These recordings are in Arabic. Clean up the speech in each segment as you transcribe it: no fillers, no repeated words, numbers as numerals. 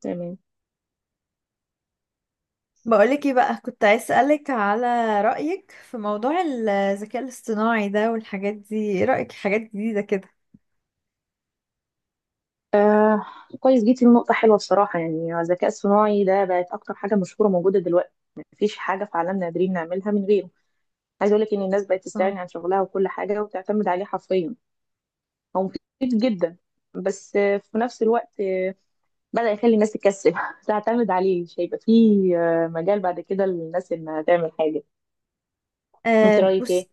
تمام. بقولك ايه بقى، كنت عايز اسألك على رأيك في موضوع الذكاء الاصطناعي ده والحاجات دي. ايه رأيك في حاجات جديدة كده؟ آه كويس جيتي لنقطة حلوة بصراحة. يعني الذكاء الصناعي ده بقت أكتر حاجة مشهورة موجودة دلوقتي. مفيش حاجة في عالمنا قادرين نعملها من غيره. عايزة أقولك إن الناس بقت اه. تستغني عن شغلها وكل حاجة وتعتمد عليه حرفيا. هو مفيد جدا، بس في نفس الوقت بدأ يخلي الناس تكسل تعتمد عليه، مش هيبقى فيه مجال بعد كده للناس إنها تعمل حاجة. أه، أنت رأيك إيه؟ بص.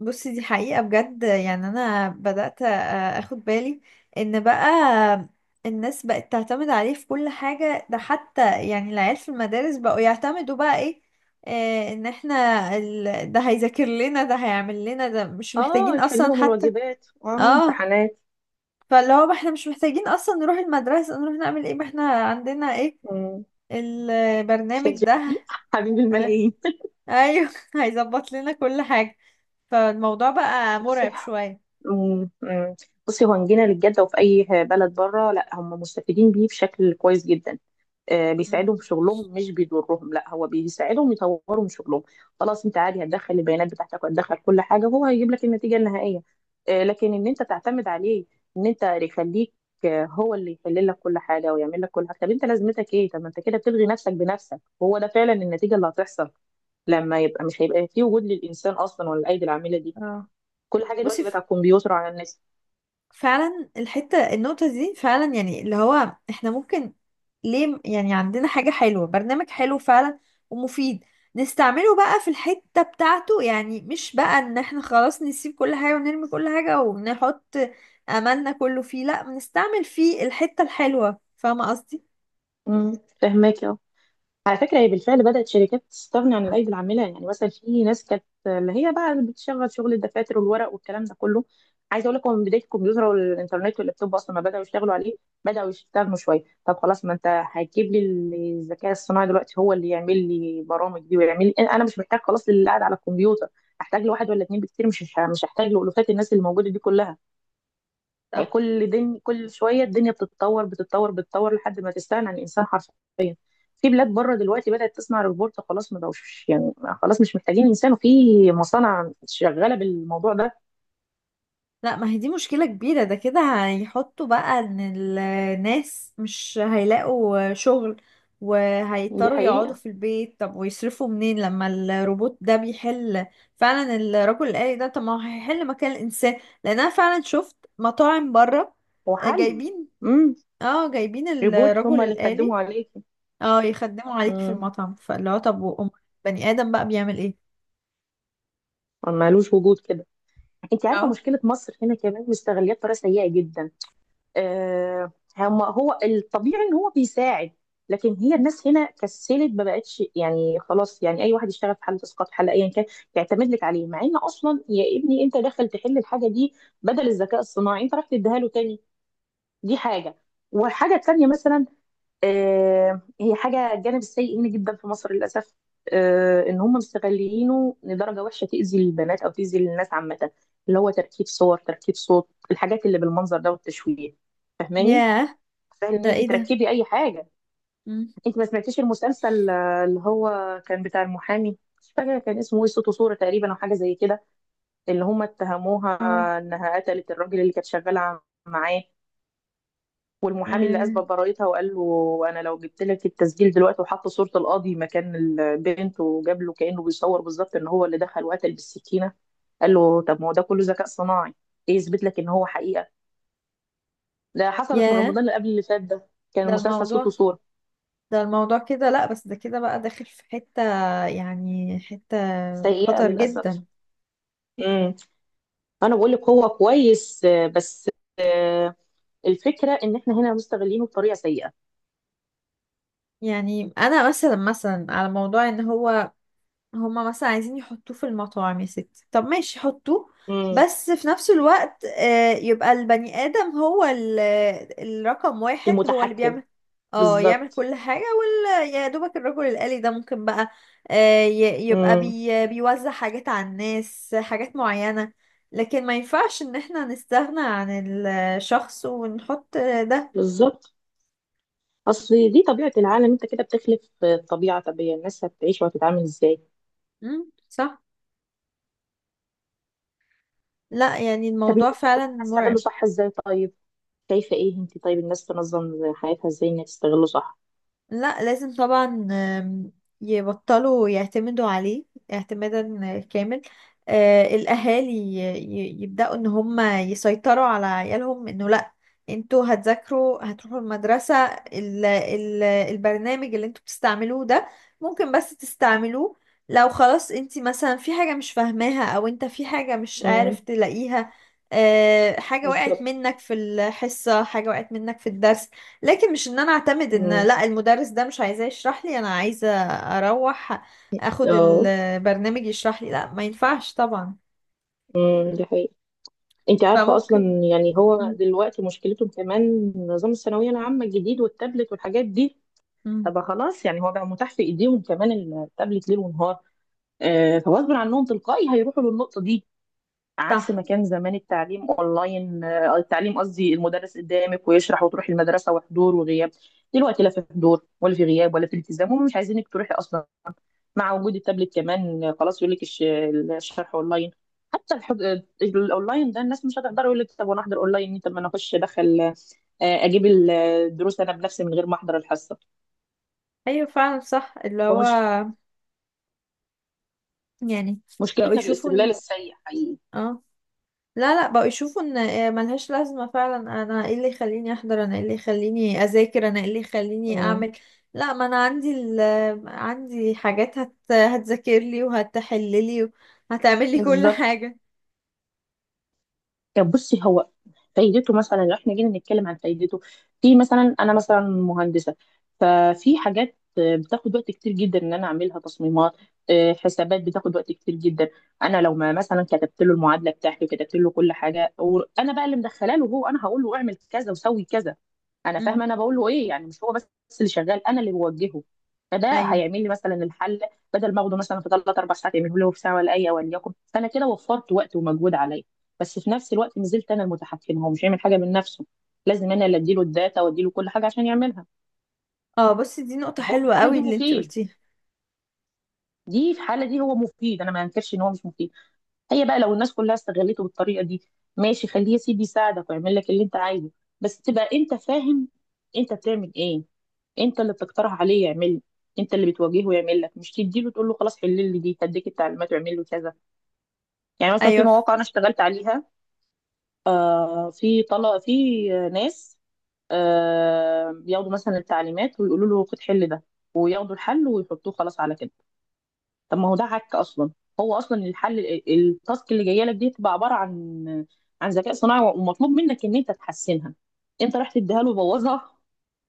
بصي، دي حقيقة بجد. يعني انا بدأت اخد بالي ان بقى الناس بقت تعتمد عليه في كل حاجة. ده حتى يعني العيال في المدارس بقوا يعتمدوا بقى ايه؟ ان احنا ده هيذاكر لنا، ده هيعمل لنا، ده مش آه، محتاجين يحلوا اصلا لهم حتى. الواجبات. آه، اه، امتحانات. فاللي هو ما احنا مش محتاجين اصلا نروح المدرسة، نروح نعمل ايه، ما احنا عندنا ايه؟ مم. شات البرنامج جي بي ده. تي حبيب آه، الملايين. ايوه هيظبط لنا كل حاجة. فالموضوع بقى بصي. مرعب شوية. مم. مم. بصي، هو إن جينا للجد وفي اي بلد بره، لا هم مستفيدين بيه بشكل كويس جدا. آه مم. بيساعدهم في شغلهم، مش بيضرهم، لا هو بيساعدهم يطوروا من شغلهم. خلاص، انت عادي هتدخل البيانات بتاعتك وهتدخل كل حاجه وهو هيجيب لك النتيجه النهائيه. آه، لكن ان انت تعتمد عليه، ان انت يخليك هو اللي يحل لك كل حاجه ويعمل لك كل حاجه، طب انت لازمتك ايه؟ طب ما انت كده بتلغي نفسك بنفسك، هو ده فعلا النتيجه اللي هتحصل. لما يبقى مش هيبقى في وجود للانسان اصلا ولا الايدي العامله دي. اه، كل حاجه بصي. دلوقتي بقت على الكمبيوتر وعلى النت. فعلا الحتة النقطة دي فعلا، يعني اللي هو احنا ممكن ليه يعني عندنا حاجة حلوة، برنامج حلو فعلا ومفيد، نستعمله بقى في الحتة بتاعته. يعني مش بقى ان احنا خلاص نسيب كل حاجة ونرمي كل حاجة ونحط املنا كله فيه، لا، بنستعمل فيه الحتة الحلوة. فاهمة قصدي؟ امم، فهماك. اه، على فكره هي بالفعل بدات شركات تستغني عن الايدي العامله. يعني مثلا في ناس كانت اللي هي بقى بتشغل شغل الدفاتر والورق والكلام ده كله. عايزه اقول لكم، من بدايه الكمبيوتر والانترنت واللابتوب اصلا ما بداوا يشتغلوا عليه، بداوا يستغنوا شويه. طب خلاص ما انت هتجيب لي الذكاء الصناعي دلوقتي هو اللي يعمل لي برامج دي ويعمل لي، انا مش محتاج خلاص اللي قاعد على الكمبيوتر. احتاج لواحد ولا اتنين بكتير، مش هحتاج لالوفات الناس اللي موجوده دي كلها. يعني صح. كل دن كل شويه الدنيا بتتطور بتتطور بتتطور لحد ما تستغنى عن الانسان حرفيا. في بلاد بره دلوقتي بدات تصنع روبوت، خلاص ما بقوش يعني، خلاص مش محتاجين انسان. وفي مصانع شغاله بالموضوع ده. لا، ما هي دي مشكلة كبيرة ده كده. هيحطوا بقى ان الناس مش هيلاقوا شغل، دي وهيضطروا يقعدوا حقيقه. في البيت. طب ويصرفوا منين لما الروبوت ده بيحل؟ فعلا الرجل الآلي ده. طب ما هو هيحل مكان الإنسان، لأن أنا فعلا شفت مطاعم بره وحل. جايبين، امم. اه، جايبين روبوت الرجل هم اللي الآلي. خدموا عليكي. اه يخدموا عليك في امم. المطعم. فاللي هو طب وأم بني آدم بقى بيعمل ايه؟ ملوش وجود كده. انت عارفه اه. مشكله مصر هنا كمان مستغليه بطريقه سيئه جدا. آه، هم هو الطبيعي ان هو بيساعد، لكن هي الناس هنا كسلت، ما بقتش يعني خلاص، يعني اي واحد يشتغل في حاله اسقاط حاله ايا كان يعتمد لك عليه، مع ان اصلا يا ابني انت داخل تحل الحاجه دي، بدل الذكاء الصناعي انت راح تديها له تاني. دي حاجه. والحاجه التانيه مثلا، هي حاجه الجانب السيء منه جدا في مصر للاسف. ان هم مستغلينه لدرجه وحشه تاذي البنات او تاذي الناس عامه، اللي هو تركيب صور، تركيب صوت، الحاجات اللي بالمنظر ده والتشويه. فاهماني؟ ياه، سهل ان ده انت ايه ده؟ تركبي اي حاجه. مم. انت ما سمعتيش المسلسل اللي هو كان بتاع المحامي، مش فاكره كان اسمه ايه، صوت وصوره تقريبا او حاجه زي كده، اللي هم اتهموها اه. انها قتلت الراجل اللي كانت شغاله معاه، والمحامي اللي آه. اثبت براءتها وقال له انا لو جبت لك التسجيل دلوقتي، وحط صوره القاضي مكان البنت وجاب له كانه بيصور بالظبط ان هو اللي دخل وقتل بالسكينه، قال له طب ما هو ده كله ذكاء صناعي، ايه يثبت لك ان هو حقيقه. ده حصلت من رمضان ياه. اللي قبل اللي فات ده. كان ده المسلسل صوت الموضوع وصوره. ده الموضوع كده. لا بس ده كده بقى داخل في حتة، يعني حتة سيئه خطر للاسف. جدا. امم. انا بقول لك هو كويس آه، بس آه، الفكره ان احنا هنا مستغلينه بطريقه سيئه. يعني انا مثلا على موضوع ان هو، هما مثلا عايزين يحطوه في المطاعم يا ستي. طب ماشي حطوه، امم. بس في نفس الوقت، يبقى البني آدم هو الرقم واحد هو اللي المتحكم. بيعمل، اه يعمل بالظبط. كل حاجة. وال يا دوبك الرجل الآلي ده ممكن بقى يبقى امم. بيوزع حاجات على الناس، حاجات معينة. لكن ما ينفعش ان احنا نستغنى عن الشخص ونحط ده. بالظبط. اصل دي طبيعه العالم، انت كده بتخلف طبيعه. طب هي الناس هتعيش وهتتعامل ازاي؟ مم، صح. لا، يعني طب انت الموضوع شايفة فعلا إن احنا نستغله مرعب. صح ازاي طيب؟ شايفه ايه انت طيب، الناس تنظم حياتها ازاي انها تستغله صح؟ لا لازم طبعا. يبطلوا يعتمدوا عليه اعتمادا كامل. الأهالي يبدأوا إن هم يسيطروا على عيالهم، إنه لأ، انتوا هتذاكروا، هتروحوا المدرسة. ال البرنامج اللي انتوا بتستعملوه ده ممكن بس تستعملوه لو خلاص انت مثلا في حاجة مش فاهماها، او انت في حاجة مش عارف امم. تلاقيها، حاجة وقعت بالظبط. منك في الحصة، حاجة وقعت منك في الدرس. لكن مش ان انا اعتمد ان، امم. لا، المدرس ده مش عايزاه يشرح لي، انا عايزه اروح اخد اه. البرنامج يشرح لي. لا، ما ينفعش طبعا. امم، دي حقيقة. انت عارفة اصلا، فممكن. يعني هو مم. دلوقتي مشكلته كمان نظام الثانوية العامة الجديد والتابلت والحاجات دي. مم. طب خلاص يعني هو بقى متاح في ايديهم كمان، التابلت ليل ونهار. آه، فغصب عنهم تلقائي هيروحوا للنقطة دي. عكس ما صح. كان زمان التعليم اونلاين، آه التعليم قصدي المدرس قدامك ويشرح، وتروحي المدرسة وحضور وغياب. دلوقتي لا في حضور ولا في غياب ولا في التزام، هم مش عايزينك تروحي اصلا. مع وجود التابلت كمان خلاص، يقول لك الشرح اونلاين. حتى الحج... الاونلاين ده الناس مش هتقدر، يقول لك طب وانا احضر اونلاين، طب ما انا اخش ادخل، اجيب الدروس انا بنفسي من غير ما احضر الحصه. ايوه فعلا صح. اللي هو ومش، يعني بقوا مشكلتنا في يشوفوا الاستغلال ان، السيء حقيقي. اه لا لا، بقوا يشوفوا ان ملهاش لازمه فعلا. انا ايه اللي يخليني احضر، انا ايه اللي يخليني اذاكر، انا ايه اللي يخليني مم. اعمل؟ لا، ما انا عندي ال... آه، عندي حاجات هتذاكر لي وهتحل لي وهتعمل لي كل بالظبط. حاجه. طب بصي، هو فايدته مثلا لو احنا جينا نتكلم عن فايدته، في مثلا انا مثلا مهندسه، ففي حاجات بتاخد وقت كتير جدا ان انا اعملها، تصميمات حسابات بتاخد وقت كتير جدا. انا لو ما مثلا كتبت له المعادله بتاعتي وكتبت له كل حاجه، وانا بقى اللي مدخله له، هو انا هقول له اعمل كذا وسوي كذا، انا فاهمه انا بقول له ايه، يعني مش هو بس اللي شغال، انا اللي بوجهه. فده ايوه. هيعمل لي مثلا الحل بدل ما اخده مثلا في ثلاث اربع ساعات، يعمله له في ساعه ولا اي وليكن، فانا كده وفرت وقت ومجهود عليا. بس في نفس الوقت ما زلت انا المتحكمه، هو مش هيعمل حاجه من نفسه، لازم انا اللي اديله الداتا واديله كل حاجه عشان يعملها. اه، بصي دي نقطة هو في حلوة الحاله قوي دي اللي انتي مفيد. قلتيها. دي في الحاله دي هو مفيد، انا ما انكرش ان هو مش مفيد. هي بقى لو الناس كلها استغلته بالطريقه دي، ماشي خليه يا سيدي يساعدك ويعمل لك اللي انت عايزه، بس تبقى انت فاهم انت بتعمل ايه. انت اللي بتقترح عليه يعمل، انت اللي بتواجهه يعمل لك، مش تديله تقول له خلاص حل لي دي، هديك التعليمات واعمل له كذا. يعني مثلا في ايوه مواقع انا اشتغلت عليها، آه في طلب في ناس آه بياخدوا مثلا التعليمات ويقولوا له خد حل ده، وياخدوا الحل ويحطوه خلاص على كده. طب ما هو ده عك اصلا. هو اصلا الحل، التاسك اللي جايه لك دي تبقى عباره عن، عن ذكاء صناعي ومطلوب منك ان انت تحسنها، انت رحت تديها له وبوظها،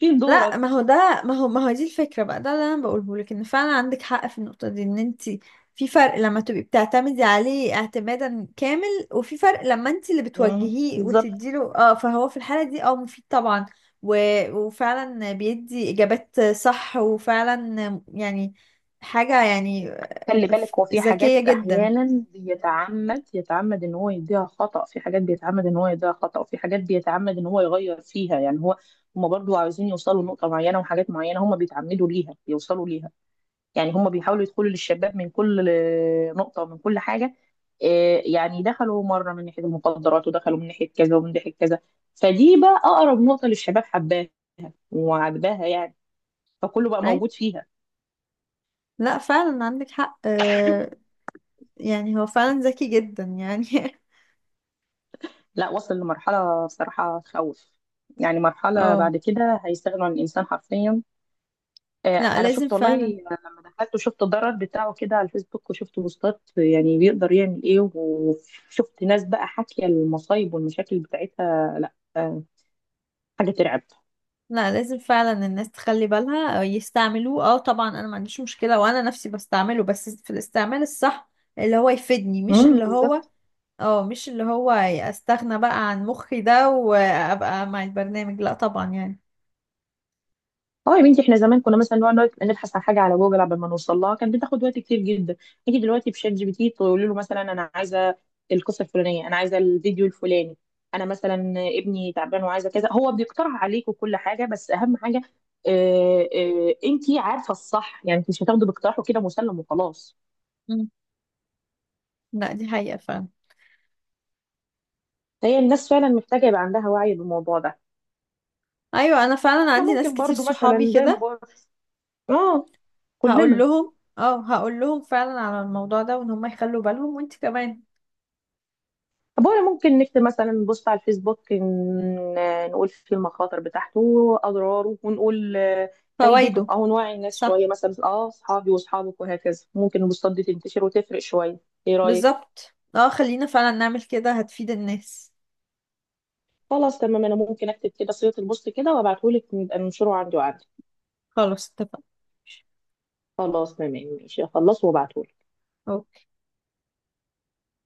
فين لا، ما دورك؟ هو ده ما هو ما هو دي الفكرة بقى، ده اللي انا بقوله لك، ان فعلا عندك حق في النقطة دي. ان انتي في فرق لما تبقي بتعتمدي عليه اعتمادا كامل، وفي فرق لما انتي اللي مم. بتوجهيه بالظبط. وتديله فهو في الحالة دي مفيد طبعا. و... وفعلا بيدي اجابات صح، وفعلا يعني حاجة يعني خلي بالك، هو في حاجات ذكية جدا. احيانا بيتعمد، يتعمد ان هو يديها خطأ، في حاجات بيتعمد ان هو يديها خطأ، وفي حاجات بيتعمد ان هو يغير فيها، يعني هو، هما برضو عاوزين يوصلوا لنقطة معينة وحاجات معينة هما بيتعمدوا ليها يوصلوا ليها. يعني هما بيحاولوا يدخلوا للشباب من كل نقطة ومن كل حاجة. يعني دخلوا مرة من ناحية المخدرات، ودخلوا من ناحية كذا ومن ناحية كذا. فدي بقى أقرب نقطة للشباب، حباها وعجباها يعني، فكله بقى أي. موجود فيها. لا فعلا عندك حق. يعني هو فعلا ذكي جدا يعني. لا وصل لمرحلة بصراحة تخوف، يعني مرحلة اه، بعد كده هيستغنوا عن الإنسان حرفيا. لا أنا لازم شفت والله، فعلا. لما دخلت وشفت الضرر بتاعه كده على الفيسبوك، وشفت بوستات يعني بيقدر يعمل إيه، وشفت ناس بقى حاكية المصايب والمشاكل بتاعتها، لا حاجة ترعب. لا لازم فعلا الناس تخلي بالها أو يستعملوه. اه طبعا انا ما عنديش مشكلة، وانا نفسي بستعمله، بس في الاستعمال الصح، اللي هو يفيدني، امم. بالظبط. مش اللي هو استغنى بقى عن مخي ده وابقى مع البرنامج. لا طبعا يعني. اه يا بنتي، احنا زمان كنا مثلا نقعد نبحث عن حاجه على جوجل، قبل ما نوصل لها كانت بتاخد وقت كتير جدا. نيجي دلوقتي بشات جي بي تي، تقول له مثلا انا عايزه القصه الفلانيه، انا عايزه الفيديو الفلاني، انا مثلا ابني تعبان وعايزه كذا، هو بيقترح عليك وكل حاجه. بس اهم حاجه، اه اه، انت عارفه الصح يعني، انت مش هتاخده باقتراحه كده مسلم وخلاص. مم. لا دي حقيقة فعلا. فهي الناس فعلا محتاجه يبقى عندها وعي بالموضوع ده. ايوه انا فعلا احنا عندي ناس ممكن كتير برضو صحابي مثلا زي ما كده. بقول، اه، كلنا. هقول لهم فعلا على الموضوع ده، وان هم يخلوا بالهم وانت كمان. طب ولا ممكن نكتب مثلا، نبص على الفيسبوك نقول فيه المخاطر بتاعته واضراره، ونقول فايدته، فوائده. او نوعي الناس صح، شويه مثلا اه اصحابي واصحابك وهكذا، ممكن البوستات دي تنتشر وتفرق شويه. ايه رايك؟ بالظبط. اه خلينا فعلا نعمل كده، هتفيد الناس. خلاص تمام، انا ممكن اكتب كده صيغه البوست كده وابعتهولك، نبقى ننشره عندي وعندي. خلاص اتفقنا. خلاص تمام. ماشي اخلصه وابعتهولك.